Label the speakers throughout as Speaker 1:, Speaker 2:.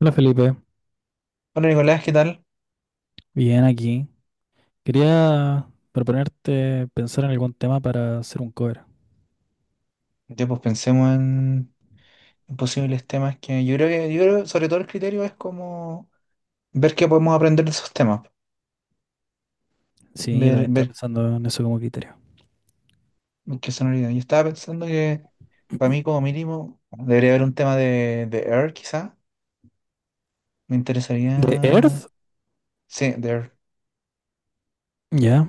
Speaker 1: Hola Felipe,
Speaker 2: Bueno, Nicolás, ¿qué tal?
Speaker 1: bien aquí. Quería proponerte pensar en algún tema para hacer un cover.
Speaker 2: Ya pues pensemos en posibles temas que, yo creo, sobre todo el criterio es como ver qué podemos aprender de esos temas,
Speaker 1: Sí, yo también
Speaker 2: ver,
Speaker 1: estaba
Speaker 2: ver
Speaker 1: pensando en eso como criterio.
Speaker 2: qué sonoridad. Yo estaba pensando que para mí como mínimo debería haber un tema de Air quizá. Me
Speaker 1: ¿The Earth?
Speaker 2: interesaría... Sí, de Air.
Speaker 1: Ya.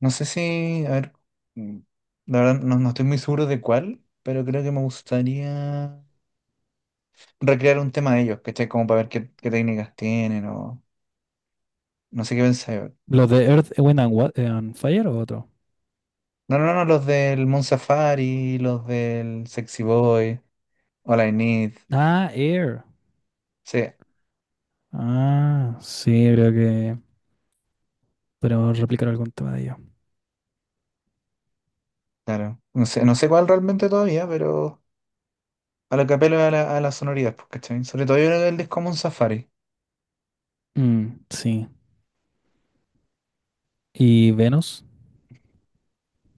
Speaker 2: No sé si... A ver, mm, la verdad no estoy muy seguro de cuál, pero creo que me gustaría recrear un tema de ellos, ¿cachai? Como para ver qué, qué técnicas tienen o... No sé qué pensáis.
Speaker 1: ¿Los de Earth, Wind and, and Fire o otro?
Speaker 2: No, no, no, los del Moon Safari, los del Sexy Boy, All I Need.
Speaker 1: Ah, Air.
Speaker 2: Sí,
Speaker 1: Ah, sí, creo que podemos replicar algún tema de ello.
Speaker 2: claro. No sé, no sé cuál realmente todavía, pero a lo que apelo es a la sonoridad, pues, ¿cachai? Sobre todo yo creo que el disco Moon Safari.
Speaker 1: Mm, sí. ¿Y Venus?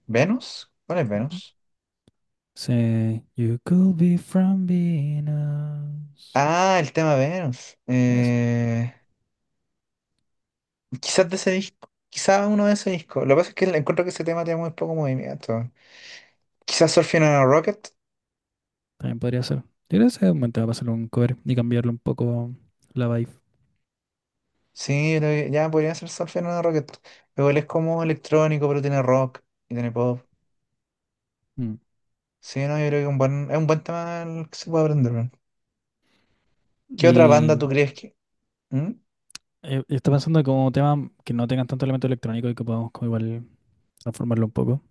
Speaker 2: ¿Venus? ¿Cuál es Venus?
Speaker 1: Sí. You could be from Venus.
Speaker 2: Ah, el tema Venus.
Speaker 1: Eso,
Speaker 2: Quizás de ese disco. Quizás uno de ese disco. Lo que pasa es que encuentro que ese tema tiene muy poco movimiento. Quizás Surfing on a Rocket.
Speaker 1: también podría ser. Yo creo que ese es un buen tema para hacer un cover y cambiarle un poco la vibe.
Speaker 2: Sí, yo creo que ya podría ser Surfing on a Rocket. Pero él es como electrónico, pero tiene rock y tiene pop.
Speaker 1: Mm.
Speaker 2: Sí, no, yo creo que un buen, es un buen tema el que se puede aprender, weón. ¿Qué otra banda
Speaker 1: Y
Speaker 2: tú crees que...? ¿Mm?
Speaker 1: estoy pensando como temas que no tengan tanto elemento electrónico y que podamos como igual transformarlo un poco.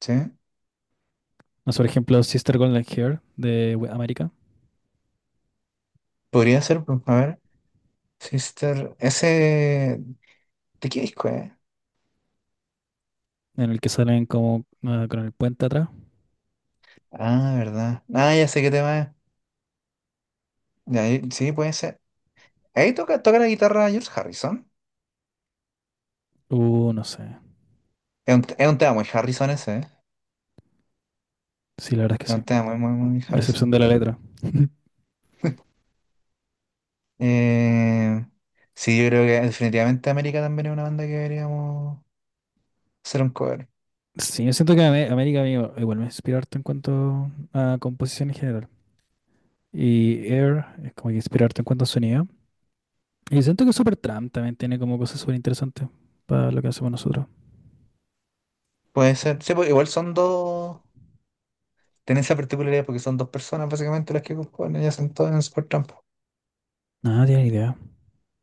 Speaker 2: Sí,
Speaker 1: No sé, por ejemplo, Sister Golden Hair de América,
Speaker 2: podría ser, pues, a ver. Sister, ese... ¿De qué disco es?
Speaker 1: en el que salen como ah, con el puente atrás.
Speaker 2: Ah, verdad. Ah, ya sé qué tema es. Ya, y- sí, puede ser. Ahí toca, toca la guitarra George Harrison.
Speaker 1: No sé.
Speaker 2: Es un tema muy Harrison ese, ¿eh?
Speaker 1: Sí, la verdad es
Speaker 2: Es
Speaker 1: que
Speaker 2: un
Speaker 1: sí.
Speaker 2: tema muy, muy, muy
Speaker 1: A excepción
Speaker 2: Harrison.
Speaker 1: de la letra.
Speaker 2: Eh, sí, yo creo que definitivamente América también es una banda que deberíamos hacer un cover.
Speaker 1: Sí, yo siento que América a mí igual me inspira harto en cuanto a composición en general. Y Air es como que inspira harto en cuanto a sonido. Y siento que Supertramp también tiene como cosas súper interesantes para lo que hacemos nosotros.
Speaker 2: Puede ser. Sí, pues, igual son dos... Tiene esa particularidad porque son dos personas básicamente las que componen, ellas son todas en Supertramp.
Speaker 1: Nada, no tiene idea.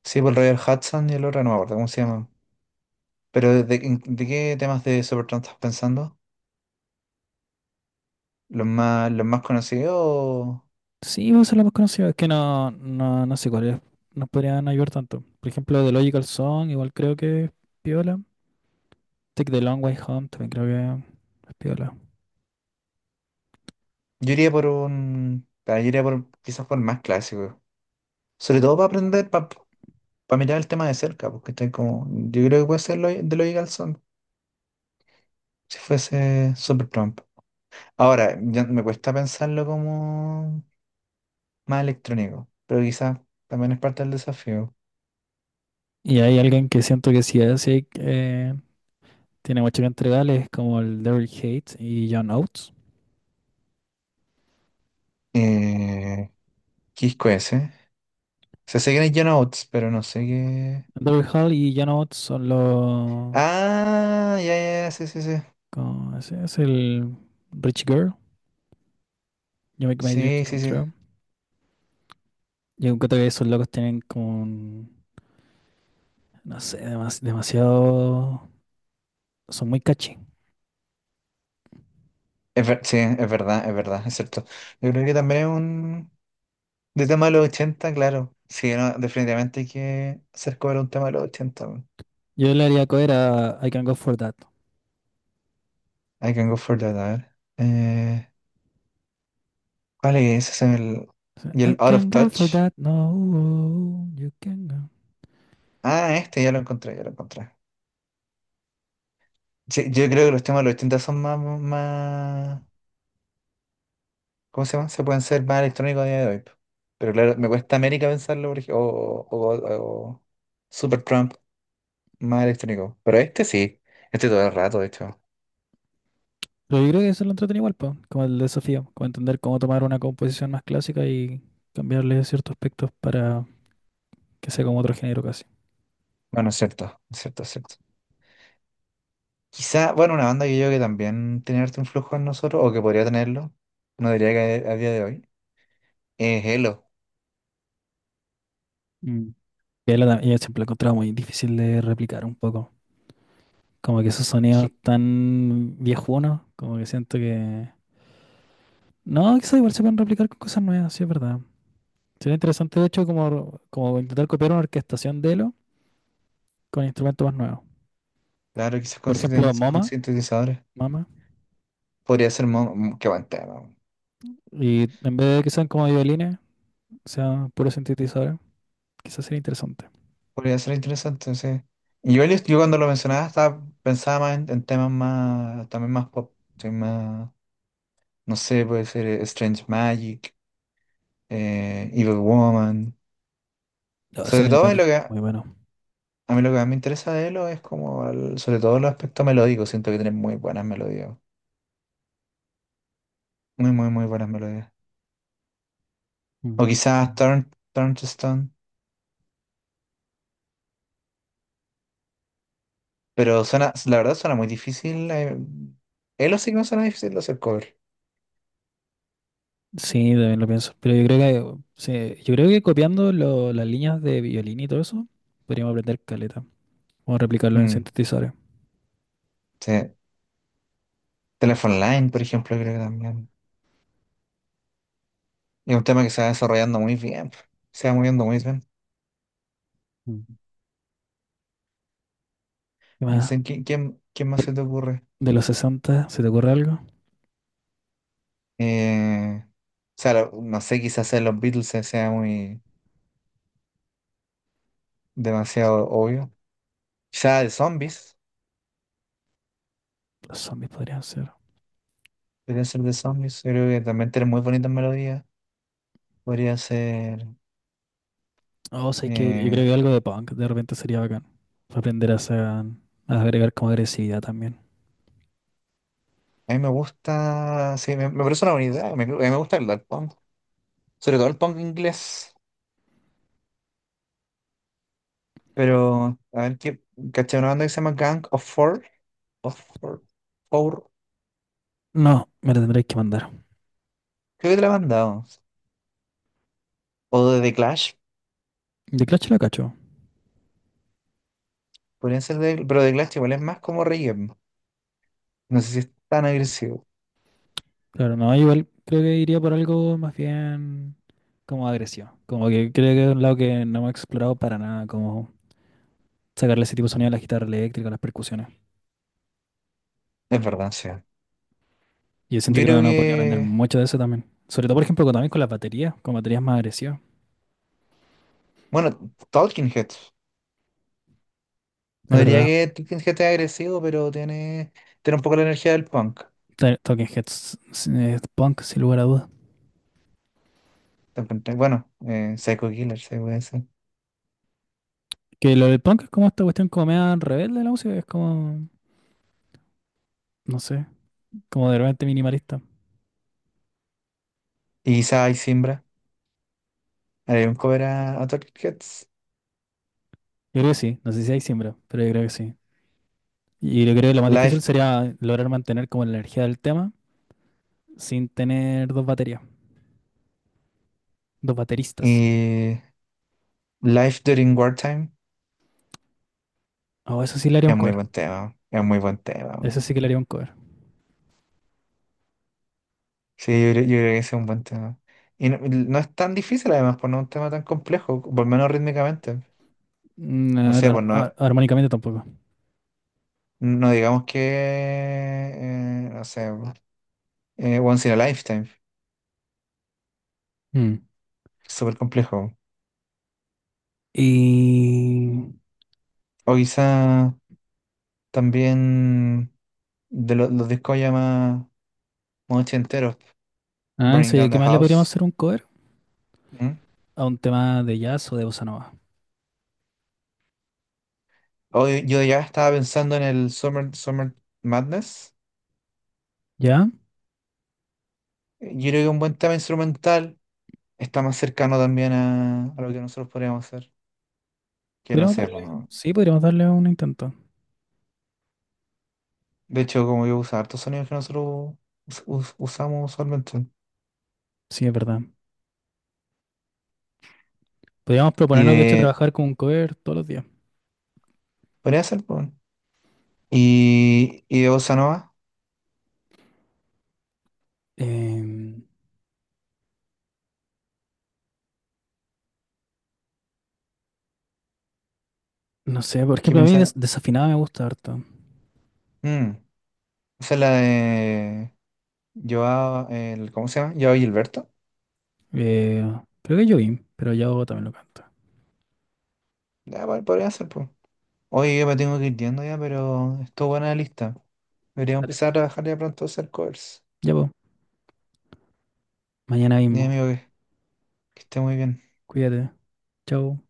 Speaker 2: Sí, por el Royal Hudson y el otro no me acuerdo cómo se llaman. Pero de qué temas de Supertramp estás pensando? Los más conocidos? O-
Speaker 1: Sí, vos la más conocida, es que no sé cuáles nos podrían ayudar tanto. Por ejemplo, The Logical Song, igual creo que es piola. Take the Long Way Home, también creo que es piola.
Speaker 2: Yo iría por un... ah, yo iría por quizás por el más clásico. Sobre todo para aprender, para, mirar el tema de cerca, porque estoy como... Yo creo que puede ser lo, de Logical Song, si fuese Supertramp. Ahora, ya me cuesta pensarlo como más electrónico, pero quizás también es parte del desafío.
Speaker 1: Y hay alguien que siento que sí es, sí, tiene mucho que entregarle, es como el Daryl Hall y John Oates.
Speaker 2: Eh, ¿Qué disco es ese? Se sé que es John Oates, pero no sé qué.
Speaker 1: Daryl Hall y John Oates son los…
Speaker 2: Ah, ya, ya, ya, sí, sí, sí.
Speaker 1: Como ese es el Rich Girl, You Make My Dreams
Speaker 2: Sí,
Speaker 1: Come
Speaker 2: sí, sí.
Speaker 1: True. Yo encuentro que esos locos tienen como un… No sé, demasiado… Son muy catchy.
Speaker 2: Es ver- sí, es verdad, es verdad, es cierto. Yo creo que también es un. De tema de los 80 claro. Sí, no, definitivamente hay que hacer cover un tema de los 80 man.
Speaker 1: Yo le haría cover a I can go for that.
Speaker 2: I can go for that, a ver. ¿Cuál es? Ese es el.
Speaker 1: O sea,
Speaker 2: Y
Speaker 1: I
Speaker 2: el Out of
Speaker 1: can go for
Speaker 2: Touch.
Speaker 1: that, no, you can go.
Speaker 2: Ah, este ya lo encontré, ya lo encontré. Sí, yo creo que los temas de los 80 son más, más. ¿Cómo se llama? Se pueden ser más electrónicos a día de hoy. Po. Pero claro, me cuesta América pensarlo, por ej- o Super Trump más electrónico. Pero este sí, este todo el rato, de hecho.
Speaker 1: Pero yo creo que eso lo entretiene igual, po, como el desafío, como entender cómo tomar una composición más clásica y cambiarle ciertos aspectos para que sea como otro género casi.
Speaker 2: Bueno, es cierto, es cierto, es cierto. Quizá, bueno, una banda que yo creo que también tiene harto influjo en nosotros, o que podría tenerlo, no diría que a día de hoy, es Elo.
Speaker 1: Mm. Y él, y siempre lo encontraba muy difícil de replicar un poco. Como que esos sonidos
Speaker 2: Ji-
Speaker 1: tan viejunos, como que siento que… No, quizás igual se pueden replicar con cosas nuevas, sí es verdad. Sería interesante, de hecho, como, como intentar copiar una orquestación de Elo con instrumentos más nuevos.
Speaker 2: Claro, quizás con
Speaker 1: Por ejemplo,
Speaker 2: sintetiz- con
Speaker 1: MoMA,
Speaker 2: sintetizadores.
Speaker 1: MAMA,
Speaker 2: Podría ser Mon- que buen tema.
Speaker 1: y en vez de que sean como violines, sean puros sintetizadores, quizás sería interesante.
Speaker 2: Podría ser interesante, sí. Y yo cuando lo mencionaba estaba, pensaba más en temas más, también más pop, sí, más, no sé, puede ser Strange Magic, Evil Woman.
Speaker 1: No, ese
Speaker 2: Sobre
Speaker 1: Neo
Speaker 2: todo en lo
Speaker 1: Magic,
Speaker 2: que, a
Speaker 1: muy bueno.
Speaker 2: mí lo que más me interesa de Elo es como, el- sobre todo los aspectos melódicos, siento que tiene muy buenas melodías, muy, muy, muy buenas melodías. O
Speaker 1: Mm.
Speaker 2: quizás Turn, Turn to Stone, pero suena, la verdad suena muy difícil. Elo sí que me suena difícil de hacer cover.
Speaker 1: Sí, también lo pienso. Pero yo creo que, sí, yo creo que copiando las líneas de violín y todo eso, podríamos aprender caleta. Vamos a replicarlo en
Speaker 2: Mm,
Speaker 1: sintetizadores.
Speaker 2: sí. Telephone Line, por ejemplo, creo que también. Y un tema que se va desarrollando muy bien, pues. Se va moviendo muy bien.
Speaker 1: Mm. ¿Qué
Speaker 2: No
Speaker 1: más?
Speaker 2: sé, ¿quién, quién, quién más
Speaker 1: De,
Speaker 2: se te ocurre?
Speaker 1: de los 60, ¿se te ocurre algo?
Speaker 2: O sea, lo- no sé, quizás en los Beatles se- sea muy demasiado obvio. Quizás de zombies,
Speaker 1: Los zombies podrían ser.
Speaker 2: podría ser de zombies. Yo creo que también tiene muy bonitas melodías. Podría ser.
Speaker 1: Oh, sé que yo creo
Speaker 2: eh,
Speaker 1: que algo de punk de repente sería bacán. Para aprender a, a agregar como agresividad también.
Speaker 2: a mí me gusta. Sí, me parece una buena idea. Me, a mí me gusta el dark punk, sobre todo el punk inglés. Pero, a ver, ¿qué, caché una banda que se llama Gang of Four? Of Four. Four.
Speaker 1: No, me lo tendréis que mandar.
Speaker 2: Creo que te la he mandado. O de The Clash,
Speaker 1: De Clash la cacho.
Speaker 2: podrían ser de, pero The Clash igual es más como reggae. No sé si es tan agresivo.
Speaker 1: Claro, no, igual creo que iría por algo más bien como agresivo. Como que creo que es un lado que no hemos explorado para nada, como sacarle ese tipo de sonido a la guitarra eléctrica, a las percusiones.
Speaker 2: Es verdad, sí.
Speaker 1: Y yo siento
Speaker 2: Yo
Speaker 1: que
Speaker 2: creo
Speaker 1: uno podría aprender
Speaker 2: que.
Speaker 1: mucho de eso también. Sobre todo, por ejemplo, también con las baterías, con baterías más agresivas.
Speaker 2: Bueno, Talking Heads.
Speaker 1: Es
Speaker 2: No diría
Speaker 1: verdad.
Speaker 2: que Talking Heads es agresivo, pero tiene, tiene un poco la energía del punk.
Speaker 1: Talking Heads es punk, sin lugar a dudas.
Speaker 2: Bueno, Psycho Killer, se puede decir.
Speaker 1: Que lo del punk es como esta cuestión como media rebelde de la música, es como, no sé, como de repente minimalista.
Speaker 2: Y quizá hay Simbra. Haré un cover a Talking Heads.
Speaker 1: Yo creo que sí, no sé si hay siembra, pero yo creo que sí. Y yo creo que lo más
Speaker 2: Life
Speaker 1: difícil sería lograr mantener como la energía del tema sin tener dos baterías, dos bateristas.
Speaker 2: y Life During Wartime.
Speaker 1: Oh, eso sí le haría un
Speaker 2: Es muy
Speaker 1: cover.
Speaker 2: buen tema. Es muy buen tema.
Speaker 1: Eso sí que le haría un cover.
Speaker 2: Sí, yo creo que ese es un buen tema. Y no, no es tan difícil además, pues no es un tema tan complejo, por lo menos rítmicamente.
Speaker 1: Mm,
Speaker 2: No sé, pues no, es-
Speaker 1: armónicamente tampoco.
Speaker 2: no digamos que, no sé, Once in a Lifetime, que
Speaker 1: Mm.
Speaker 2: es súper complejo.
Speaker 1: Y…
Speaker 2: O quizá también de lo- los discos ya más, más ochenteros,
Speaker 1: Ah,
Speaker 2: Burning
Speaker 1: eso,
Speaker 2: Down
Speaker 1: ¿qué
Speaker 2: the
Speaker 1: más le podríamos
Speaker 2: House.
Speaker 1: hacer un cover?
Speaker 2: ¿Mm?
Speaker 1: A un tema de jazz o de bossa nova.
Speaker 2: O yo ya estaba pensando en el Summer, Summer Madness.
Speaker 1: ¿Ya?
Speaker 2: Yo creo que un buen tema instrumental está más cercano también a lo que nosotros podríamos hacer. Que no
Speaker 1: Podríamos
Speaker 2: sé,
Speaker 1: darle…
Speaker 2: pues, no.
Speaker 1: Sí, podríamos darle un intento.
Speaker 2: De hecho, como yo uso hartos sonidos que nosotros usamos usualmente.
Speaker 1: Sí, es verdad. Podríamos
Speaker 2: Y
Speaker 1: proponernos, de hecho,
Speaker 2: de.
Speaker 1: trabajar con un cover todos los días.
Speaker 2: Podría ser, pues. Bueno. Y de Bossa Nova,
Speaker 1: Em, no sé, por
Speaker 2: ¿qué
Speaker 1: ejemplo, a mí
Speaker 2: piensas?
Speaker 1: desafinada me gusta harto.
Speaker 2: Mm, esa es la de. Joao, el, ¿cómo se llama? Joao Gilberto.
Speaker 1: Eh, creo que es Jovín, pero Yao también lo canta.
Speaker 2: Ya, po- podría ser, pues. Oye, yo me tengo que ir yendo ya, pero estuvo buena la lista. Debería
Speaker 1: Dale.
Speaker 2: empezar a trabajar ya pronto a hacer covers.
Speaker 1: Ya, pues, mañana
Speaker 2: Mi
Speaker 1: mismo.
Speaker 2: amigo, que esté muy bien.
Speaker 1: Cuídate. Chao.